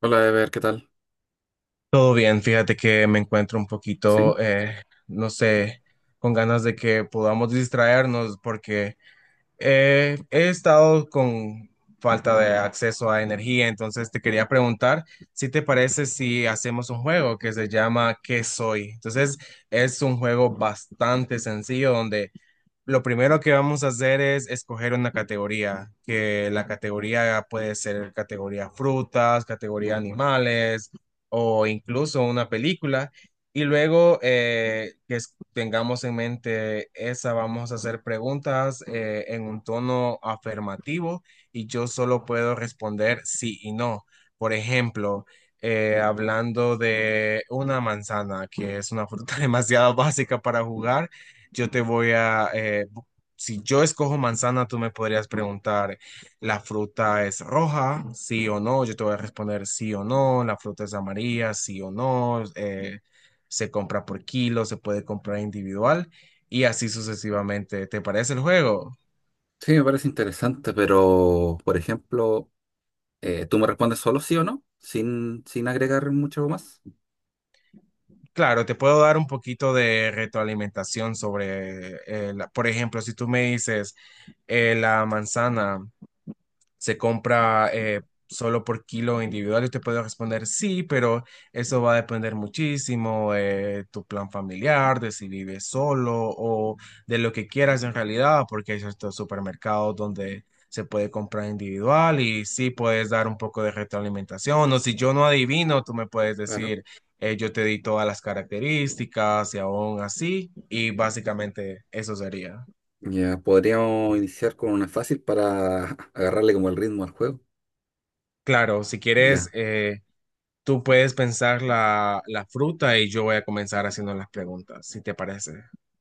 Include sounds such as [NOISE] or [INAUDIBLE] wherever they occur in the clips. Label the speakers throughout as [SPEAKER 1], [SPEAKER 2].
[SPEAKER 1] Hola, Ever, ¿qué tal?
[SPEAKER 2] Todo bien, fíjate que me encuentro un poquito,
[SPEAKER 1] Sí,
[SPEAKER 2] no sé, con ganas de que podamos distraernos porque he estado con falta de acceso a energía. Entonces te quería preguntar si te parece si hacemos un juego que se llama ¿Qué soy? Entonces es un juego bastante sencillo donde lo primero que vamos a hacer es escoger una categoría, que la categoría puede ser categoría frutas, categoría animales o incluso una película. Y luego tengamos en mente esa, vamos a hacer preguntas en un tono afirmativo, y yo solo puedo responder sí y no. Por ejemplo, hablando de una manzana, que es una fruta [LAUGHS] demasiado básica para jugar, yo te voy a, bu- si yo escojo manzana, tú me podrías preguntar, ¿la fruta es roja? Sí o no. Yo te voy a responder sí o no. ¿La fruta es amarilla? Sí o no. Se compra por kilo, se puede comprar individual y así sucesivamente. ¿Te parece el juego?
[SPEAKER 1] sí, me parece interesante, pero, por ejemplo, ¿tú me respondes solo sí o no? Sin agregar mucho más.
[SPEAKER 2] Claro, te puedo dar un poquito de retroalimentación sobre, por ejemplo, si tú me dices la manzana se compra solo por kilo individual, yo te puedo responder sí, pero eso va a depender muchísimo de tu plan familiar, de si vives solo o de lo que quieras en realidad, porque hay ciertos supermercados donde se puede comprar individual y sí puedes dar un poco de retroalimentación. O si yo no adivino, tú me puedes
[SPEAKER 1] Claro.
[SPEAKER 2] decir, yo te di todas las características y aún así, y básicamente eso sería.
[SPEAKER 1] Ya, podríamos iniciar con una fácil para [LAUGHS] agarrarle como el ritmo al juego.
[SPEAKER 2] Claro, si quieres...
[SPEAKER 1] Ya,
[SPEAKER 2] tú puedes pensar la fruta y yo voy a comenzar haciendo las preguntas, si te parece.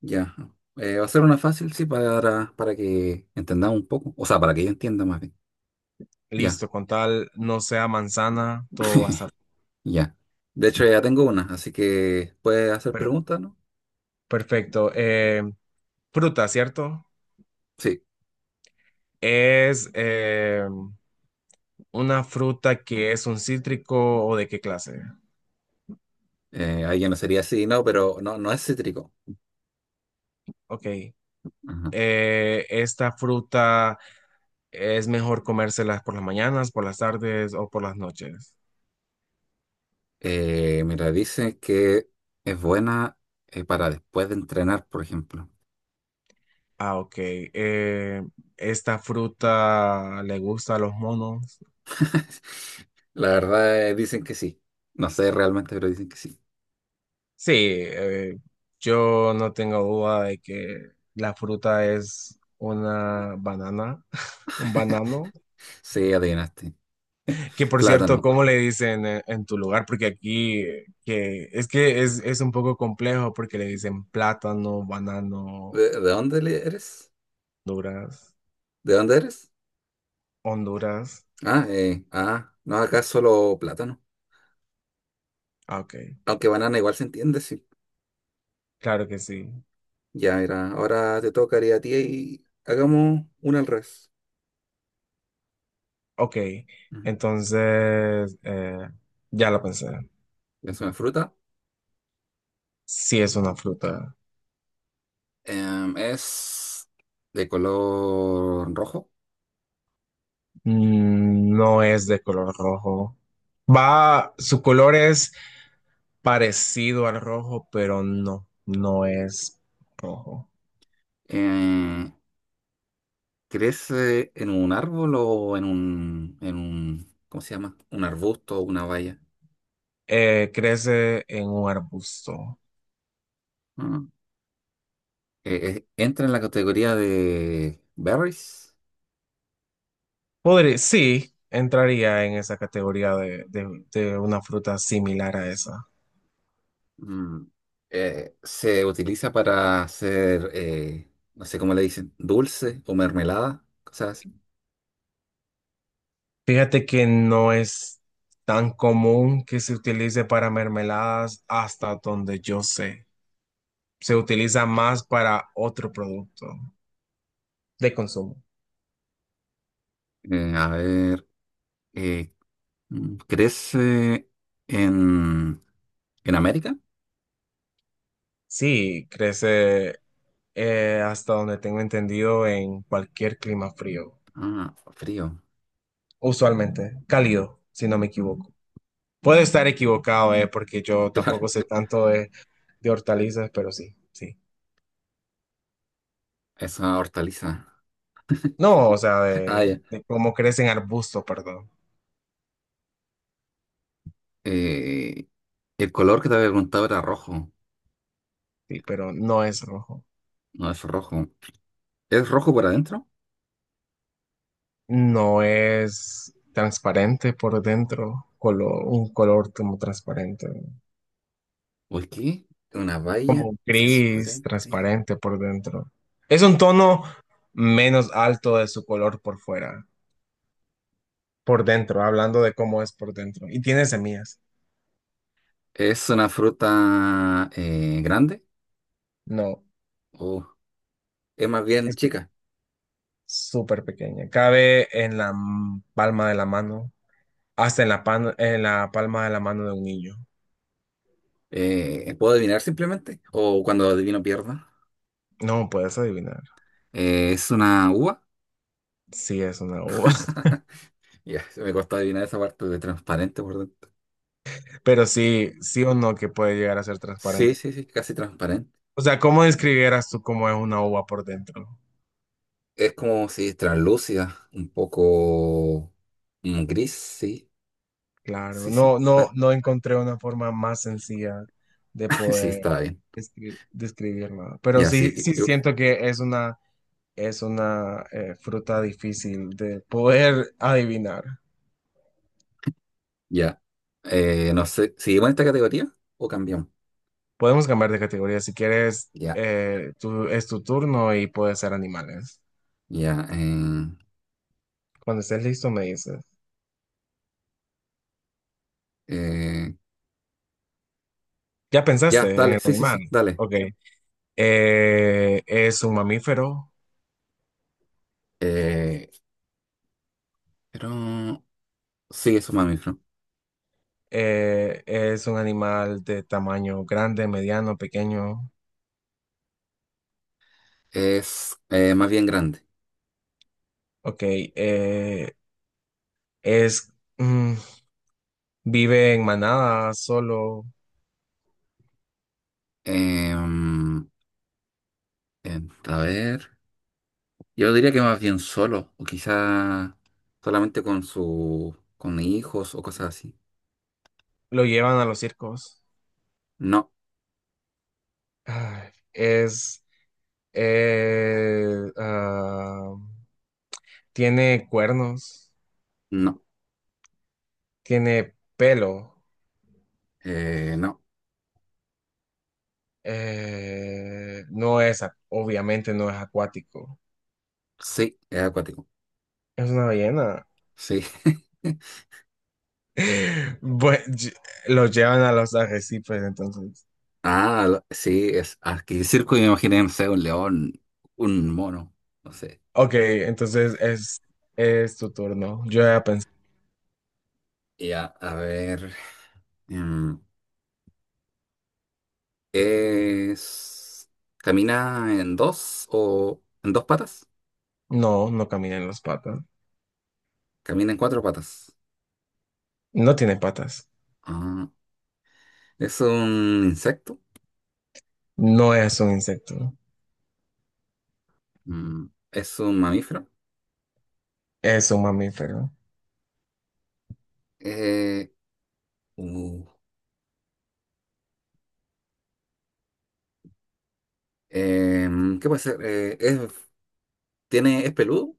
[SPEAKER 1] ya. Va a ser una fácil, sí, para que entendamos un poco. O sea, para que yo entienda más bien. Ya,
[SPEAKER 2] Listo, con tal no sea manzana, todo va a estar
[SPEAKER 1] ya. De hecho, ya tengo una, así que puedes hacer
[SPEAKER 2] per-
[SPEAKER 1] preguntas, ¿no?
[SPEAKER 2] perfecto. Fruta, ¿cierto?
[SPEAKER 1] Sí.
[SPEAKER 2] ¿Es una fruta que es un cítrico o de qué clase?
[SPEAKER 1] Ahí ya no sería sí, no, pero no, no es cítrico.
[SPEAKER 2] Ok. ¿Esta fruta es mejor comérselas por las mañanas, por las tardes o por las noches?
[SPEAKER 1] Mira, dice que es buena para después de entrenar, por ejemplo.
[SPEAKER 2] Ah, ok. ¿Esta fruta le gusta a los monos?
[SPEAKER 1] [LAUGHS] La verdad, dicen que sí. No sé realmente, pero dicen que sí.
[SPEAKER 2] Sí, yo no tengo duda de que la fruta es una banana, [LAUGHS] un banano,
[SPEAKER 1] Sí, adivinaste. [LAUGHS]
[SPEAKER 2] que por cierto,
[SPEAKER 1] Plátano.
[SPEAKER 2] ¿cómo le dicen en tu lugar? Porque aquí, es un poco complejo porque le dicen plátano, banano,
[SPEAKER 1] De dónde eres?
[SPEAKER 2] Honduras,
[SPEAKER 1] ¿De dónde eres?
[SPEAKER 2] Honduras.
[SPEAKER 1] Ah, no, acá solo plátano.
[SPEAKER 2] Ah, ok,
[SPEAKER 1] Aunque banana igual se entiende, sí.
[SPEAKER 2] claro que sí.
[SPEAKER 1] Ya, mira, ahora te tocaría a ti y hagamos una al revés.
[SPEAKER 2] Ok,
[SPEAKER 1] Ujú.
[SPEAKER 2] entonces, ya lo pensé.
[SPEAKER 1] Es una fruta.
[SPEAKER 2] Sí es una fruta.
[SPEAKER 1] Em, es de color rojo.
[SPEAKER 2] Mm, no es de color rojo. Va, su color es parecido al rojo, pero no, no es rojo.
[SPEAKER 1] Eh, ¿Crece en un árbol o en un, ¿cómo se llama? Un arbusto o una valla.
[SPEAKER 2] Crece en un arbusto.
[SPEAKER 1] Mm. ¿Entra en la categoría de berries?
[SPEAKER 2] Podría, sí, entraría en esa categoría de, de una fruta similar a esa.
[SPEAKER 1] Mm. ¿Se utiliza para hacer, no sé cómo le dicen, dulce o mermelada? Cosas así.
[SPEAKER 2] Fíjate que no es tan común que se utilice para mermeladas hasta donde yo sé. Se utiliza más para otro producto de consumo.
[SPEAKER 1] A ver, eh, mm, ¿crece en, en América?
[SPEAKER 2] Sí, crece hasta donde tengo entendido en cualquier clima frío,
[SPEAKER 1] Ah, frío,
[SPEAKER 2] usualmente cálido, si no me equivoco. Puedo estar equivocado, porque yo
[SPEAKER 1] [LAUGHS]
[SPEAKER 2] tampoco
[SPEAKER 1] claro,
[SPEAKER 2] sé tanto de hortalizas, pero sí, sí.
[SPEAKER 1] es una hortaliza.
[SPEAKER 2] No, o sea,
[SPEAKER 1] [LAUGHS] Ah, ya.
[SPEAKER 2] de cómo crecen arbustos, perdón.
[SPEAKER 1] Eh, el color que te había preguntado era rojo.
[SPEAKER 2] Sí, pero no es rojo.
[SPEAKER 1] No es rojo. ¿Es rojo por adentro?
[SPEAKER 2] No es transparente por dentro, un color como transparente.
[SPEAKER 1] ¿O es qué? Una baya
[SPEAKER 2] Como gris
[SPEAKER 1] transparente.
[SPEAKER 2] transparente por dentro. Es un tono menos alto de su color por fuera, por dentro, hablando de cómo es por dentro. Y tiene semillas.
[SPEAKER 1] ¿Es una fruta grande?
[SPEAKER 2] No,
[SPEAKER 1] ¿O es más bien
[SPEAKER 2] es pe-
[SPEAKER 1] chica?
[SPEAKER 2] súper pequeña. Cabe en la palma de la mano, hasta en la, en la palma de la mano de un niño.
[SPEAKER 1] ¿Puedo adivinar simplemente? ¿O cuando adivino pierdo?
[SPEAKER 2] No puedes adivinar.
[SPEAKER 1] ¿Es una uva?
[SPEAKER 2] Sí, es una uva, [LAUGHS]
[SPEAKER 1] Ya, se me costó adivinar esa parte de transparente por dentro.
[SPEAKER 2] pero sí, sí o no que puede llegar a ser
[SPEAKER 1] Sí,
[SPEAKER 2] transparente.
[SPEAKER 1] sí, sí, casi transparente.
[SPEAKER 2] O sea, ¿cómo describieras tú cómo es una uva por dentro?
[SPEAKER 1] Es como si es translúcida, un poco mm, gris, sí.
[SPEAKER 2] Claro,
[SPEAKER 1] Sí, sí,
[SPEAKER 2] no, no,
[SPEAKER 1] claro.
[SPEAKER 2] no encontré una forma más sencilla de
[SPEAKER 1] Sí,
[SPEAKER 2] poder
[SPEAKER 1] está bien.
[SPEAKER 2] describirla, pero
[SPEAKER 1] Ya,
[SPEAKER 2] sí,
[SPEAKER 1] sí.
[SPEAKER 2] sí siento que es una fruta difícil de poder adivinar.
[SPEAKER 1] Ya. No sé, ¿seguimos en esta categoría o cambiamos?
[SPEAKER 2] Podemos cambiar de categoría si quieres,
[SPEAKER 1] Ya,
[SPEAKER 2] es tu turno y puede ser animales.
[SPEAKER 1] ya.
[SPEAKER 2] Cuando estés listo me dices.
[SPEAKER 1] Eh,
[SPEAKER 2] ¿Ya pensaste
[SPEAKER 1] ya,
[SPEAKER 2] en
[SPEAKER 1] dale,
[SPEAKER 2] el
[SPEAKER 1] sí, sí,
[SPEAKER 2] animal?
[SPEAKER 1] sí, dale.
[SPEAKER 2] Ok. Es un mamífero.
[SPEAKER 1] Eh, pero sí, es un mamífero.
[SPEAKER 2] Es un animal de tamaño grande, mediano, pequeño.
[SPEAKER 1] Es más bien grande.
[SPEAKER 2] Ok, es, mm, vive en manada, solo
[SPEAKER 1] Eh, a ver, yo diría que más bien solo, o quizá solamente con su, con hijos o cosas así.
[SPEAKER 2] lo llevan a los circos.
[SPEAKER 1] No,
[SPEAKER 2] Ay, eh, ah, tiene cuernos,
[SPEAKER 1] no,
[SPEAKER 2] tiene pelo,
[SPEAKER 1] no.
[SPEAKER 2] no es, obviamente no es acuático,
[SPEAKER 1] Sí, es acuático.
[SPEAKER 2] es una ballena.
[SPEAKER 1] Sí. [LAUGHS]
[SPEAKER 2] [LAUGHS] Bue- ll- lo llevan a los arrecifes, entonces.
[SPEAKER 1] Ah, sí, es aquí circo y me imaginé, no sé, un león, un mono, no sé.
[SPEAKER 2] Ok, entonces es tu turno. Yo ya pensé,
[SPEAKER 1] Ya, a ver. Mm, es. ¿Camina en dos o en dos patas?
[SPEAKER 2] no, no camina en las patas.
[SPEAKER 1] Camina en cuatro patas.
[SPEAKER 2] No tiene patas.
[SPEAKER 1] Ah, ¿es un insecto?
[SPEAKER 2] No es un insecto.
[SPEAKER 1] Mm, ¿es un mamífero?
[SPEAKER 2] Es un mamífero.
[SPEAKER 1] Eh, uh, ¿Qué puede ser? ¿Es, tiene, es peludo?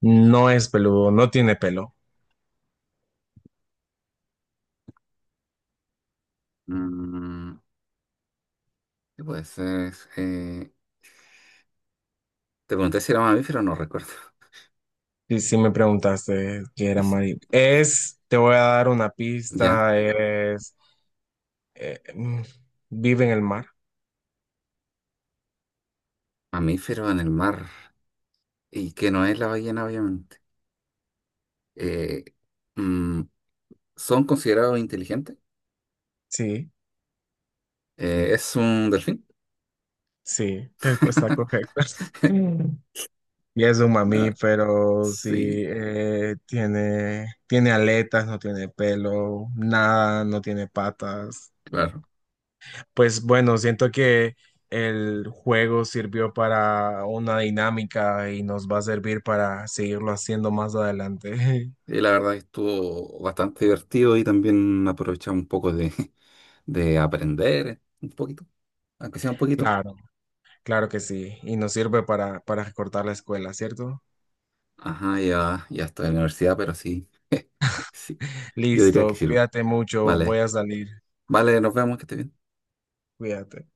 [SPEAKER 2] No es peludo. No tiene pelo.
[SPEAKER 1] Mm, ¿qué puede ser? Te pregunté si era mamífero, no recuerdo. [LAUGHS]
[SPEAKER 2] Y si me preguntaste qué
[SPEAKER 1] Y
[SPEAKER 2] era
[SPEAKER 1] sí,
[SPEAKER 2] Mari, es, te voy a dar una
[SPEAKER 1] ya.
[SPEAKER 2] pista, es, eh, mm, vive en el mar.
[SPEAKER 1] Mamíferos en el mar y que no es la ballena, obviamente. Eh, mm, ¿Son considerados inteligentes?
[SPEAKER 2] Sí,
[SPEAKER 1] ¿Es un delfín?
[SPEAKER 2] sí, respuesta
[SPEAKER 1] [LAUGHS]
[SPEAKER 2] correcta. Mm. Y es un
[SPEAKER 1] Ah,
[SPEAKER 2] mamífero, sí,
[SPEAKER 1] sí,
[SPEAKER 2] tiene, tiene aletas, no tiene pelo, nada, no tiene patas.
[SPEAKER 1] claro.
[SPEAKER 2] Pues bueno, siento que el juego sirvió para una dinámica y nos va a servir para seguirlo haciendo más adelante. [LAUGHS]
[SPEAKER 1] Y la verdad que estuvo bastante divertido y también aprovechamos un poco de, [LAUGHS] de aprender un poquito, aunque sea un poquito.
[SPEAKER 2] Claro, claro que sí. Y nos sirve para recortar la escuela, ¿cierto?
[SPEAKER 1] Ajá, ya, ya estoy en la universidad, pero sí, [LAUGHS] sí, yo diría que
[SPEAKER 2] Listo,
[SPEAKER 1] sirve.
[SPEAKER 2] cuídate mucho, voy
[SPEAKER 1] Vale,
[SPEAKER 2] a salir.
[SPEAKER 1] vale, nos vemos, que esté bien.
[SPEAKER 2] Cuídate.